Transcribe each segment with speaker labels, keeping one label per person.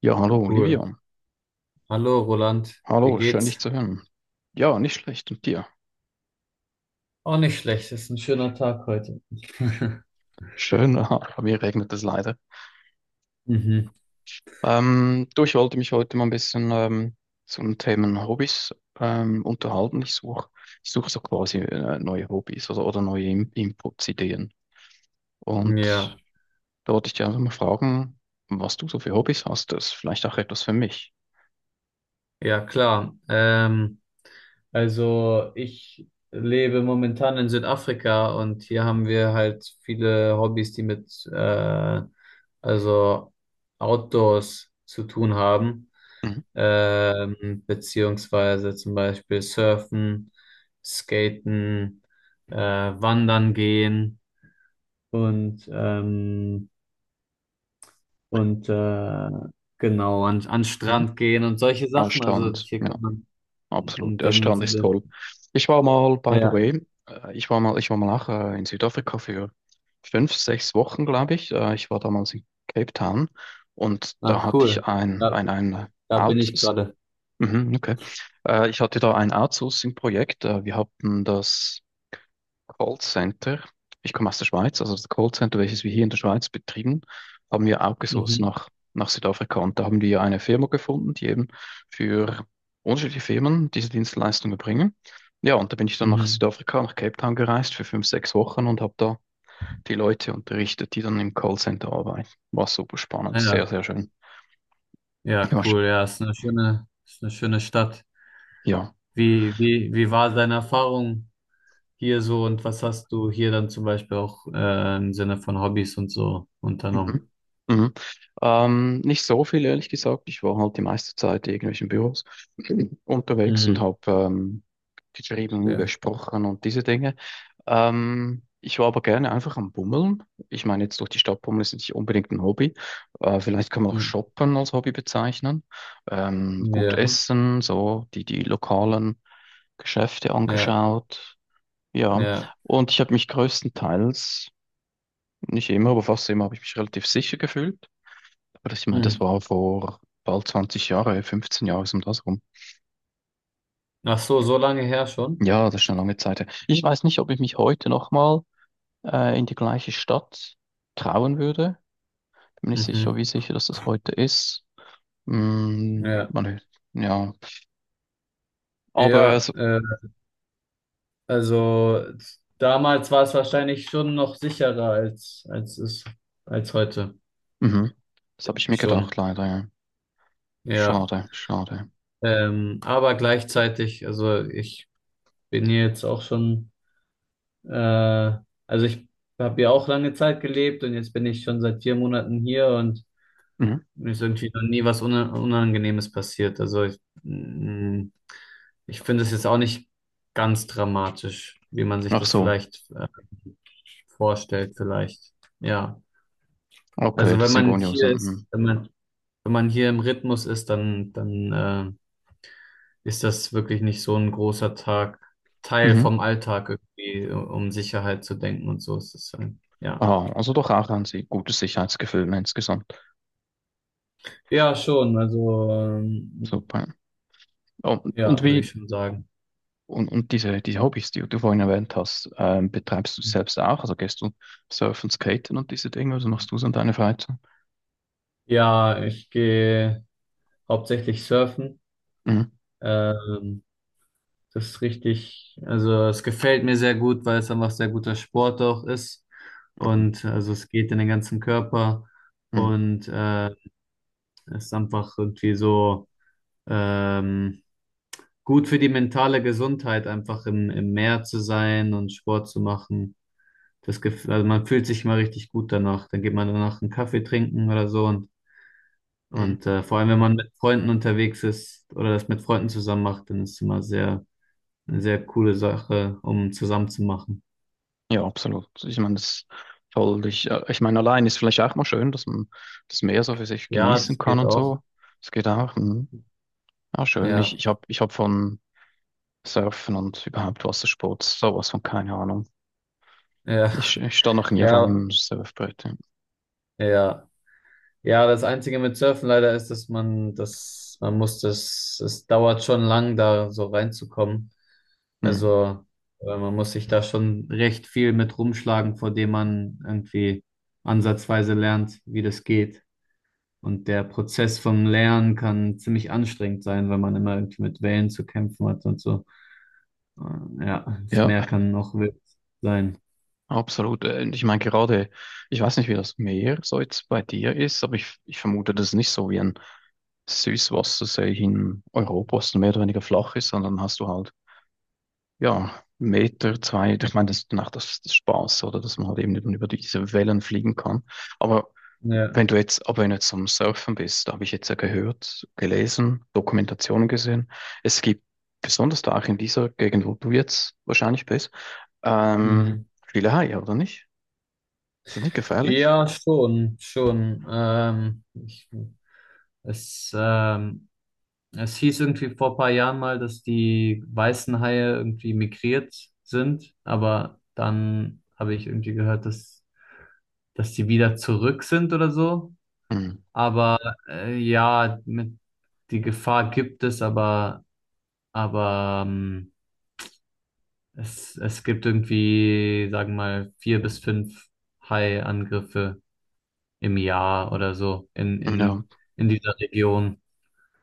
Speaker 1: Ja, hallo Olivia.
Speaker 2: Cool. Hallo Roland, wie
Speaker 1: Hallo, schön dich
Speaker 2: geht's?
Speaker 1: zu hören. Ja, nicht schlecht. Und dir?
Speaker 2: Auch nicht schlecht, ist ein schöner Tag heute.
Speaker 1: Schön, aha, bei mir regnet es leider.
Speaker 2: Mhm.
Speaker 1: Du, ich wollte mich heute mal ein bisschen zum Thema Hobbys unterhalten. Ich suche so quasi neue Hobbys oder neue In Inputs, Ideen. Und
Speaker 2: Ja,
Speaker 1: da wollte ich dich einfach mal fragen, was du so für Hobbys hast. Das ist vielleicht auch etwas für mich.
Speaker 2: ja klar. Also ich lebe momentan in Südafrika und hier haben wir halt viele Hobbys, die mit also Outdoors zu tun haben,
Speaker 1: Mhm.
Speaker 2: beziehungsweise zum Beispiel Surfen, Skaten, Wandern gehen und, ähm, und genau, an den
Speaker 1: Mhm.
Speaker 2: Strand gehen und solche
Speaker 1: Ah,
Speaker 2: Sachen. Also hier
Speaker 1: ja,
Speaker 2: kann man
Speaker 1: absolut.
Speaker 2: in
Speaker 1: Der
Speaker 2: dem
Speaker 1: Strand ist
Speaker 2: Sinne.
Speaker 1: toll. Ich war mal, by the
Speaker 2: Ja,
Speaker 1: way, ich war mal auch in Südafrika für 5, 6 Wochen, glaube ich. Ich war damals in Cape Town und
Speaker 2: ah,
Speaker 1: da hatte ich
Speaker 2: cool. Da,
Speaker 1: ein
Speaker 2: da bin ich
Speaker 1: Outs
Speaker 2: gerade.
Speaker 1: Mhm, okay. Ich hatte da ein Outsourcing-Projekt. Wir hatten das Callcenter. Ich komme aus der Schweiz, also das Callcenter, welches wir hier in der Schweiz betrieben, haben wir outgesourced
Speaker 2: Mhm.
Speaker 1: nach Südafrika. Und da haben wir eine Firma gefunden, die eben für unterschiedliche Firmen diese Dienstleistung erbringen. Ja, und da bin ich dann nach
Speaker 2: Mhm.
Speaker 1: Südafrika, nach Cape Town gereist für 5, 6 Wochen und habe da die Leute unterrichtet, die dann im Callcenter arbeiten. War super spannend,
Speaker 2: Ah, ja,
Speaker 1: sehr, sehr schön.
Speaker 2: ja,
Speaker 1: Ja,
Speaker 2: cool. Ja, ist eine schöne Stadt.
Speaker 1: ja.
Speaker 2: Wie war deine Erfahrung hier so und was hast du hier dann zum Beispiel auch im Sinne von Hobbys und so unternommen?
Speaker 1: Mhm. Mhm. Nicht so viel, ehrlich gesagt. Ich war halt die meiste Zeit in irgendwelchen Büros unterwegs und
Speaker 2: Mhm.
Speaker 1: habe geschrieben,
Speaker 2: Ja.
Speaker 1: gesprochen und diese Dinge. Ich war aber gerne einfach am Bummeln. Ich meine, jetzt durch die Stadt bummeln ist nicht unbedingt ein Hobby. Vielleicht kann man auch
Speaker 2: Mhm.
Speaker 1: Shoppen als Hobby bezeichnen. Gut
Speaker 2: Ja,
Speaker 1: essen, so die lokalen Geschäfte
Speaker 2: ja,
Speaker 1: angeschaut. Ja,
Speaker 2: ja.
Speaker 1: und ich habe mich größtenteils, nicht immer, aber fast immer, habe ich mich relativ sicher gefühlt. Aber ich meine, das
Speaker 2: Mhm.
Speaker 1: war vor bald 20 Jahre, 15 Jahre, so um das rum.
Speaker 2: Ach so, so lange her schon?
Speaker 1: Ja, das ist eine lange Zeit her. Ich weiß nicht, ob ich mich heute nochmal in die gleiche Stadt trauen würde. Bin nicht sicher,
Speaker 2: Mhm.
Speaker 1: wie sicher, dass das heute ist. Mm,
Speaker 2: Ja,
Speaker 1: man, ja, aber
Speaker 2: ja,
Speaker 1: also,
Speaker 2: also damals war es wahrscheinlich schon noch sicherer als heute.
Speaker 1: mhm. Das habe ich mir gedacht,
Speaker 2: Schon,
Speaker 1: leider. Ja.
Speaker 2: ja.
Speaker 1: Schade, schade.
Speaker 2: Aber gleichzeitig, also ich bin hier jetzt auch schon, äh, also ich habe hier auch lange Zeit gelebt und jetzt bin ich schon seit 4 Monaten hier und
Speaker 1: Mhm.
Speaker 2: mir ist irgendwie noch nie was Unangenehmes passiert. Also ich finde es jetzt auch nicht ganz dramatisch, wie man sich
Speaker 1: Ach
Speaker 2: das
Speaker 1: so,
Speaker 2: vielleicht vorstellt vielleicht. Ja,
Speaker 1: okay,
Speaker 2: also
Speaker 1: das
Speaker 2: wenn
Speaker 1: sind
Speaker 2: man
Speaker 1: Gonios.
Speaker 2: hier
Speaker 1: Mhm.
Speaker 2: ist, wenn man hier im Rhythmus ist, dann ist das wirklich nicht so ein großer Tag, Teil
Speaker 1: Mhm.
Speaker 2: vom Alltag irgendwie, um Sicherheit zu denken und so ist es dann. Ja,
Speaker 1: Ah, also doch auch ein gutes Sicherheitsgefühl insgesamt.
Speaker 2: ja, schon. Also
Speaker 1: Super. Und, und
Speaker 2: ja, würde ich
Speaker 1: wie,
Speaker 2: schon sagen.
Speaker 1: Und diese, diese Hobbys, die du vorhin erwähnt hast, betreibst du selbst auch? Also gehst du surfen, skaten und diese Dinge? Also machst du es an deiner Freizeit?
Speaker 2: Ja, ich gehe hauptsächlich surfen.
Speaker 1: Mhm.
Speaker 2: Ähm, Das ist richtig, also es gefällt mir sehr gut, weil es einfach sehr guter Sport auch ist.
Speaker 1: Mhm.
Speaker 2: Und also es geht in den ganzen Körper
Speaker 1: Mhm.
Speaker 2: und es ist einfach irgendwie so ähm, gut für die mentale Gesundheit, einfach im Meer zu sein und Sport zu machen. Das gef also man fühlt sich mal richtig gut danach. Dann geht man danach einen Kaffee trinken oder so. Und,
Speaker 1: Mhm.
Speaker 2: und äh, vor allem, wenn man mit Freunden unterwegs ist oder das mit Freunden zusammen macht, dann ist es immer sehr, eine sehr coole Sache, um zusammen zu machen.
Speaker 1: Ja, absolut. Ich meine, das ist toll. Ich, ich meine, allein ist vielleicht auch mal schön, dass man das Meer so für sich
Speaker 2: Ja,
Speaker 1: genießen
Speaker 2: das
Speaker 1: kann
Speaker 2: geht
Speaker 1: und
Speaker 2: auch.
Speaker 1: so. Das geht auch. Mhm. Ja, schön. Ich,
Speaker 2: Ja,
Speaker 1: ich habe ich hab von Surfen und überhaupt Wassersport sowas von keine Ahnung.
Speaker 2: ja,
Speaker 1: Ich stand noch nie auf
Speaker 2: ja,
Speaker 1: einem Surfbrett. Ja.
Speaker 2: ja. Ja, das Einzige mit Surfen leider ist, dass man das, man muss das, es dauert schon lang, da so reinzukommen.
Speaker 1: Mhm.
Speaker 2: Also, man muss sich da schon recht viel mit rumschlagen, vor dem man irgendwie ansatzweise lernt, wie das geht. Und der Prozess vom Lernen kann ziemlich anstrengend sein, weil man immer irgendwie mit Wellen zu kämpfen hat und so. Ja, das
Speaker 1: Ja.
Speaker 2: Meer kann auch wild sein.
Speaker 1: Absolut. Und ich meine gerade, ich weiß nicht, wie das Meer so jetzt bei dir ist, aber ich vermute, das ist nicht so wie ein Süßwassersee in Europa, was mehr oder weniger flach ist, sondern hast du halt, ja, Meter, zwei, ich meine, das ist danach das Spaß, oder, dass man halt eben über diese Wellen fliegen kann. Aber
Speaker 2: Ja.
Speaker 1: wenn du jetzt, aber wenn du jetzt am Surfen bist, da habe ich jetzt ja gehört, gelesen, Dokumentationen gesehen, es gibt, besonders da auch in dieser Gegend, wo du jetzt wahrscheinlich bist, ähm,
Speaker 2: Mhm.
Speaker 1: viele Haie, oder nicht? Ist das nicht gefährlich?
Speaker 2: Ja, schon, schon. Es, ähm, es hieß irgendwie vor ein paar Jahren mal, dass die weißen Haie irgendwie migriert sind, aber dann habe ich irgendwie gehört, dass die wieder zurück sind oder so.
Speaker 1: Hm.
Speaker 2: Aber ja, die Gefahr gibt es, aber es gibt irgendwie, sagen wir mal, vier bis fünf Hai-Angriffe im Jahr oder so in,
Speaker 1: Ja,
Speaker 2: in, in dieser Region.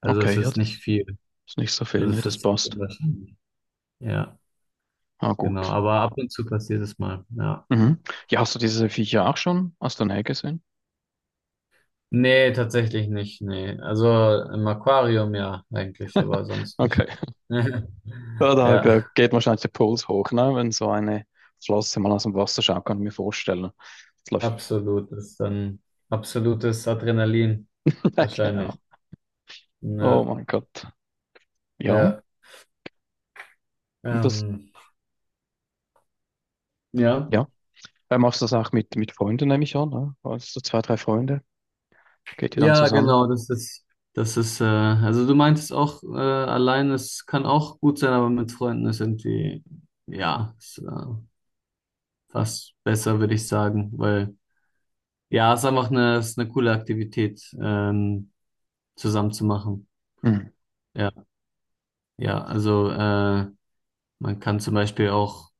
Speaker 2: Also es
Speaker 1: okay, ja,
Speaker 2: ist nicht
Speaker 1: das
Speaker 2: viel.
Speaker 1: ist nicht so viel,
Speaker 2: Also
Speaker 1: ne,
Speaker 2: es
Speaker 1: das
Speaker 2: ist ziemlich
Speaker 1: passt.
Speaker 2: unwahrscheinlich. Ja,
Speaker 1: Ah,
Speaker 2: genau.
Speaker 1: gut.
Speaker 2: Aber ab und zu passiert es mal. Ja.
Speaker 1: Mhm. Ja, hast du diese Viecher auch schon aus der Nähe gesehen?
Speaker 2: Nee, tatsächlich nicht. Nee. Also im Aquarium ja eigentlich, aber sonst nicht.
Speaker 1: Okay. Ja,
Speaker 2: Ja,
Speaker 1: da geht wahrscheinlich der Puls hoch, ne? Wenn so eine Flosse mal aus dem Wasser schaut, kann ich mir vorstellen. Das läuft.
Speaker 2: absolut. Das ist dann absolutes Adrenalin
Speaker 1: Ja, genau.
Speaker 2: wahrscheinlich.
Speaker 1: Oh
Speaker 2: Ja,
Speaker 1: mein Gott. Ja,
Speaker 2: ja.
Speaker 1: und das,
Speaker 2: Ähm, ja.
Speaker 1: ja. Machst du das auch mit Freunden, nehme ich an, ne? Also zwei, drei Freunde, geht ihr dann
Speaker 2: Ja,
Speaker 1: zusammen?
Speaker 2: genau, also du meintest auch, allein, es kann auch gut sein, aber mit Freunden ist irgendwie, ja, fast besser, würde ich sagen, weil, ja, es ist einfach es ist eine coole Aktivität, zusammen zu machen.
Speaker 1: Mhm.
Speaker 2: Ja, ja, also, man kann zum Beispiel auch,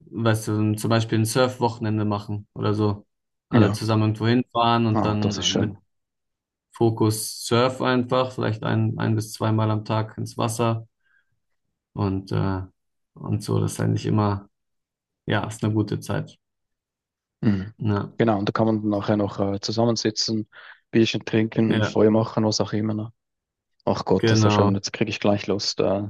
Speaker 2: weißt du, zum Beispiel ein Surf-Wochenende machen oder so. Alle
Speaker 1: Ja,
Speaker 2: zusammen irgendwo hinfahren und
Speaker 1: ah, das ist
Speaker 2: dann
Speaker 1: schön.
Speaker 2: mit Fokus Surf einfach, vielleicht ein bis zweimal am Tag ins Wasser und, äh, und so. Das ist eigentlich immer, ja, ist eine gute Zeit.
Speaker 1: Mhm.
Speaker 2: Ja,
Speaker 1: Genau, und da kann man dann nachher noch zusammensitzen, Bierchen trinken,
Speaker 2: ja,
Speaker 1: Feuer machen, was auch immer, ne? Ach Gott, das ist ja schön.
Speaker 2: genau.
Speaker 1: Jetzt kriege ich gleich Lust,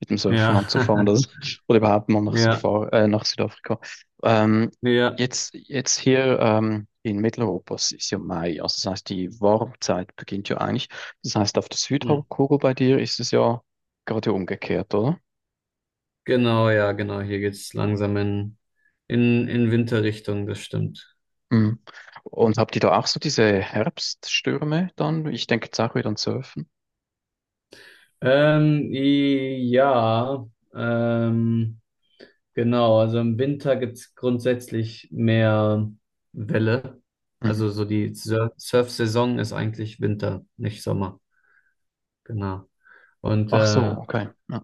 Speaker 1: mit dem Surfen
Speaker 2: Ja,
Speaker 1: anzufangen. Das, oder überhaupt mal nach,
Speaker 2: ja,
Speaker 1: Safari, nach Südafrika. Ähm,
Speaker 2: ja.
Speaker 1: jetzt hier in Mitteleuropa es ist ja Mai. Also das heißt, die Warmzeit beginnt ja eigentlich. Das heißt, auf der
Speaker 2: Hm.
Speaker 1: Südhalbkugel bei dir ist es ja gerade umgekehrt, oder?
Speaker 2: Genau, ja, genau. Hier geht's langsam in, in Winterrichtung, das stimmt.
Speaker 1: Mhm. Und habt ihr da auch so diese Herbststürme dann? Ich denke jetzt auch wieder an Surfen.
Speaker 2: Ja, ähm, genau. Also im Winter gibt es grundsätzlich mehr Welle.
Speaker 1: Mhm.
Speaker 2: Also so die Surf-Saison ist eigentlich Winter, nicht Sommer. Genau. Und
Speaker 1: Ach so,
Speaker 2: äh,
Speaker 1: okay. Ja.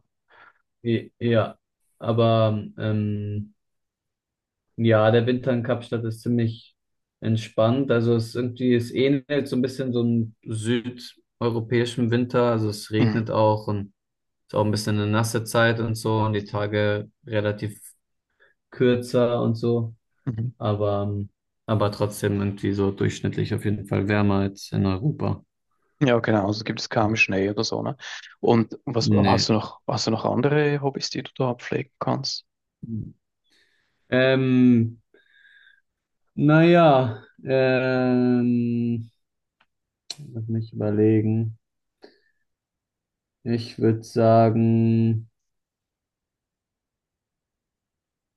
Speaker 2: I- Ja, aber ja, der Winter in Kapstadt ist ziemlich entspannt. Also es ist irgendwie, es ähnelt so ein bisschen so einem südeuropäischen Winter. Also es
Speaker 1: Mhm.
Speaker 2: regnet auch und ist auch ein bisschen eine nasse Zeit und so und die Tage relativ kürzer und so.
Speaker 1: Mhm.
Speaker 2: Aber, ähm, aber trotzdem irgendwie so durchschnittlich auf jeden Fall wärmer als in Europa.
Speaker 1: Ja, genau. Also gibt es kaum Schnee oder so, ne? Und was
Speaker 2: Nee.
Speaker 1: hast du noch andere Hobbys, die du da pflegen kannst?
Speaker 2: Ähm, naja, lass mich überlegen. Ich würde sagen,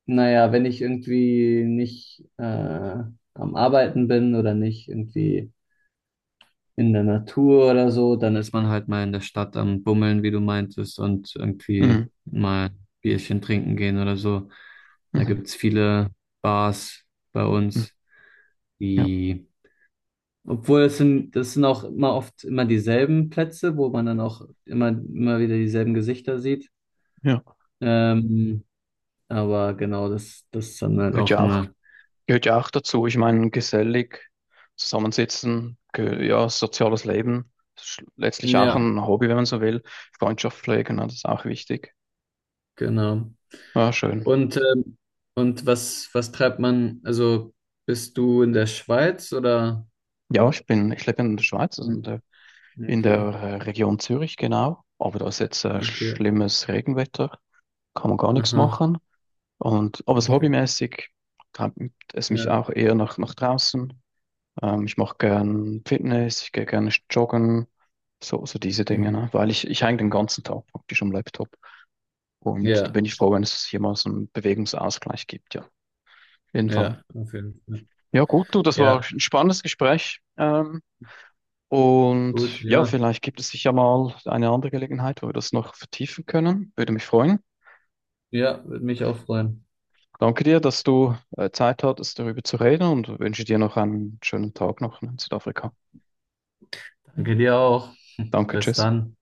Speaker 2: naja, wenn ich irgendwie nicht am Arbeiten bin oder nicht irgendwie in der Natur oder so, dann ist man halt mal in der Stadt am Bummeln, wie du meintest, und irgendwie
Speaker 1: Mhm.
Speaker 2: mal Bierchen trinken gehen oder so. Da
Speaker 1: Mhm.
Speaker 2: gibt's viele Bars bei
Speaker 1: Mhm.
Speaker 2: uns,
Speaker 1: Ja,
Speaker 2: die, obwohl es sind, das sind auch immer oft immer dieselben Plätze, wo man dann auch immer, immer wieder dieselben Gesichter sieht.
Speaker 1: ja.
Speaker 2: Ähm, Aber genau, das ist dann halt
Speaker 1: Gehört
Speaker 2: auch
Speaker 1: ja auch,
Speaker 2: eine,
Speaker 1: gehört ja auch dazu. Ich meine, gesellig zusammensitzen, ge ja, soziales Leben, letztlich auch
Speaker 2: Ja.
Speaker 1: ein Hobby, wenn man so will. Freundschaft pflegen, ne, das ist auch wichtig.
Speaker 2: Genau.
Speaker 1: Ja, schön.
Speaker 2: Und, ähm, und was treibt man, also bist du in der Schweiz oder?
Speaker 1: Ja, ich lebe in der Schweiz, also
Speaker 2: Hm,
Speaker 1: in der
Speaker 2: okay,
Speaker 1: Region Zürich, genau. Aber da ist jetzt
Speaker 2: okay,
Speaker 1: schlimmes Regenwetter, kann man gar nichts
Speaker 2: aha,
Speaker 1: machen. Und aber so
Speaker 2: okay,
Speaker 1: hobbymäßig treibt es mich
Speaker 2: ja,
Speaker 1: auch eher nach draußen. Ich mache gern Fitness, ich gehe gerne joggen, so, so diese Dinge,
Speaker 2: mhm.
Speaker 1: ne? Weil ich hänge den ganzen Tag praktisch am Laptop. Und da
Speaker 2: Ja,
Speaker 1: bin ich froh, wenn es hier mal so einen Bewegungsausgleich gibt, ja. Auf jeden Fall.
Speaker 2: ja, auf jeden Fall.
Speaker 1: Ja, gut, du, das war
Speaker 2: Ja,
Speaker 1: ein spannendes Gespräch.
Speaker 2: gut,
Speaker 1: Und ja,
Speaker 2: ja,
Speaker 1: vielleicht gibt es sicher mal eine andere Gelegenheit, wo wir das noch vertiefen können. Würde mich freuen.
Speaker 2: ja, würde mich auch freuen.
Speaker 1: Danke dir, dass du Zeit hattest, darüber zu reden und wünsche dir noch einen schönen Tag noch in Südafrika.
Speaker 2: Danke dir auch.
Speaker 1: Danke,
Speaker 2: Bis
Speaker 1: tschüss.
Speaker 2: dann.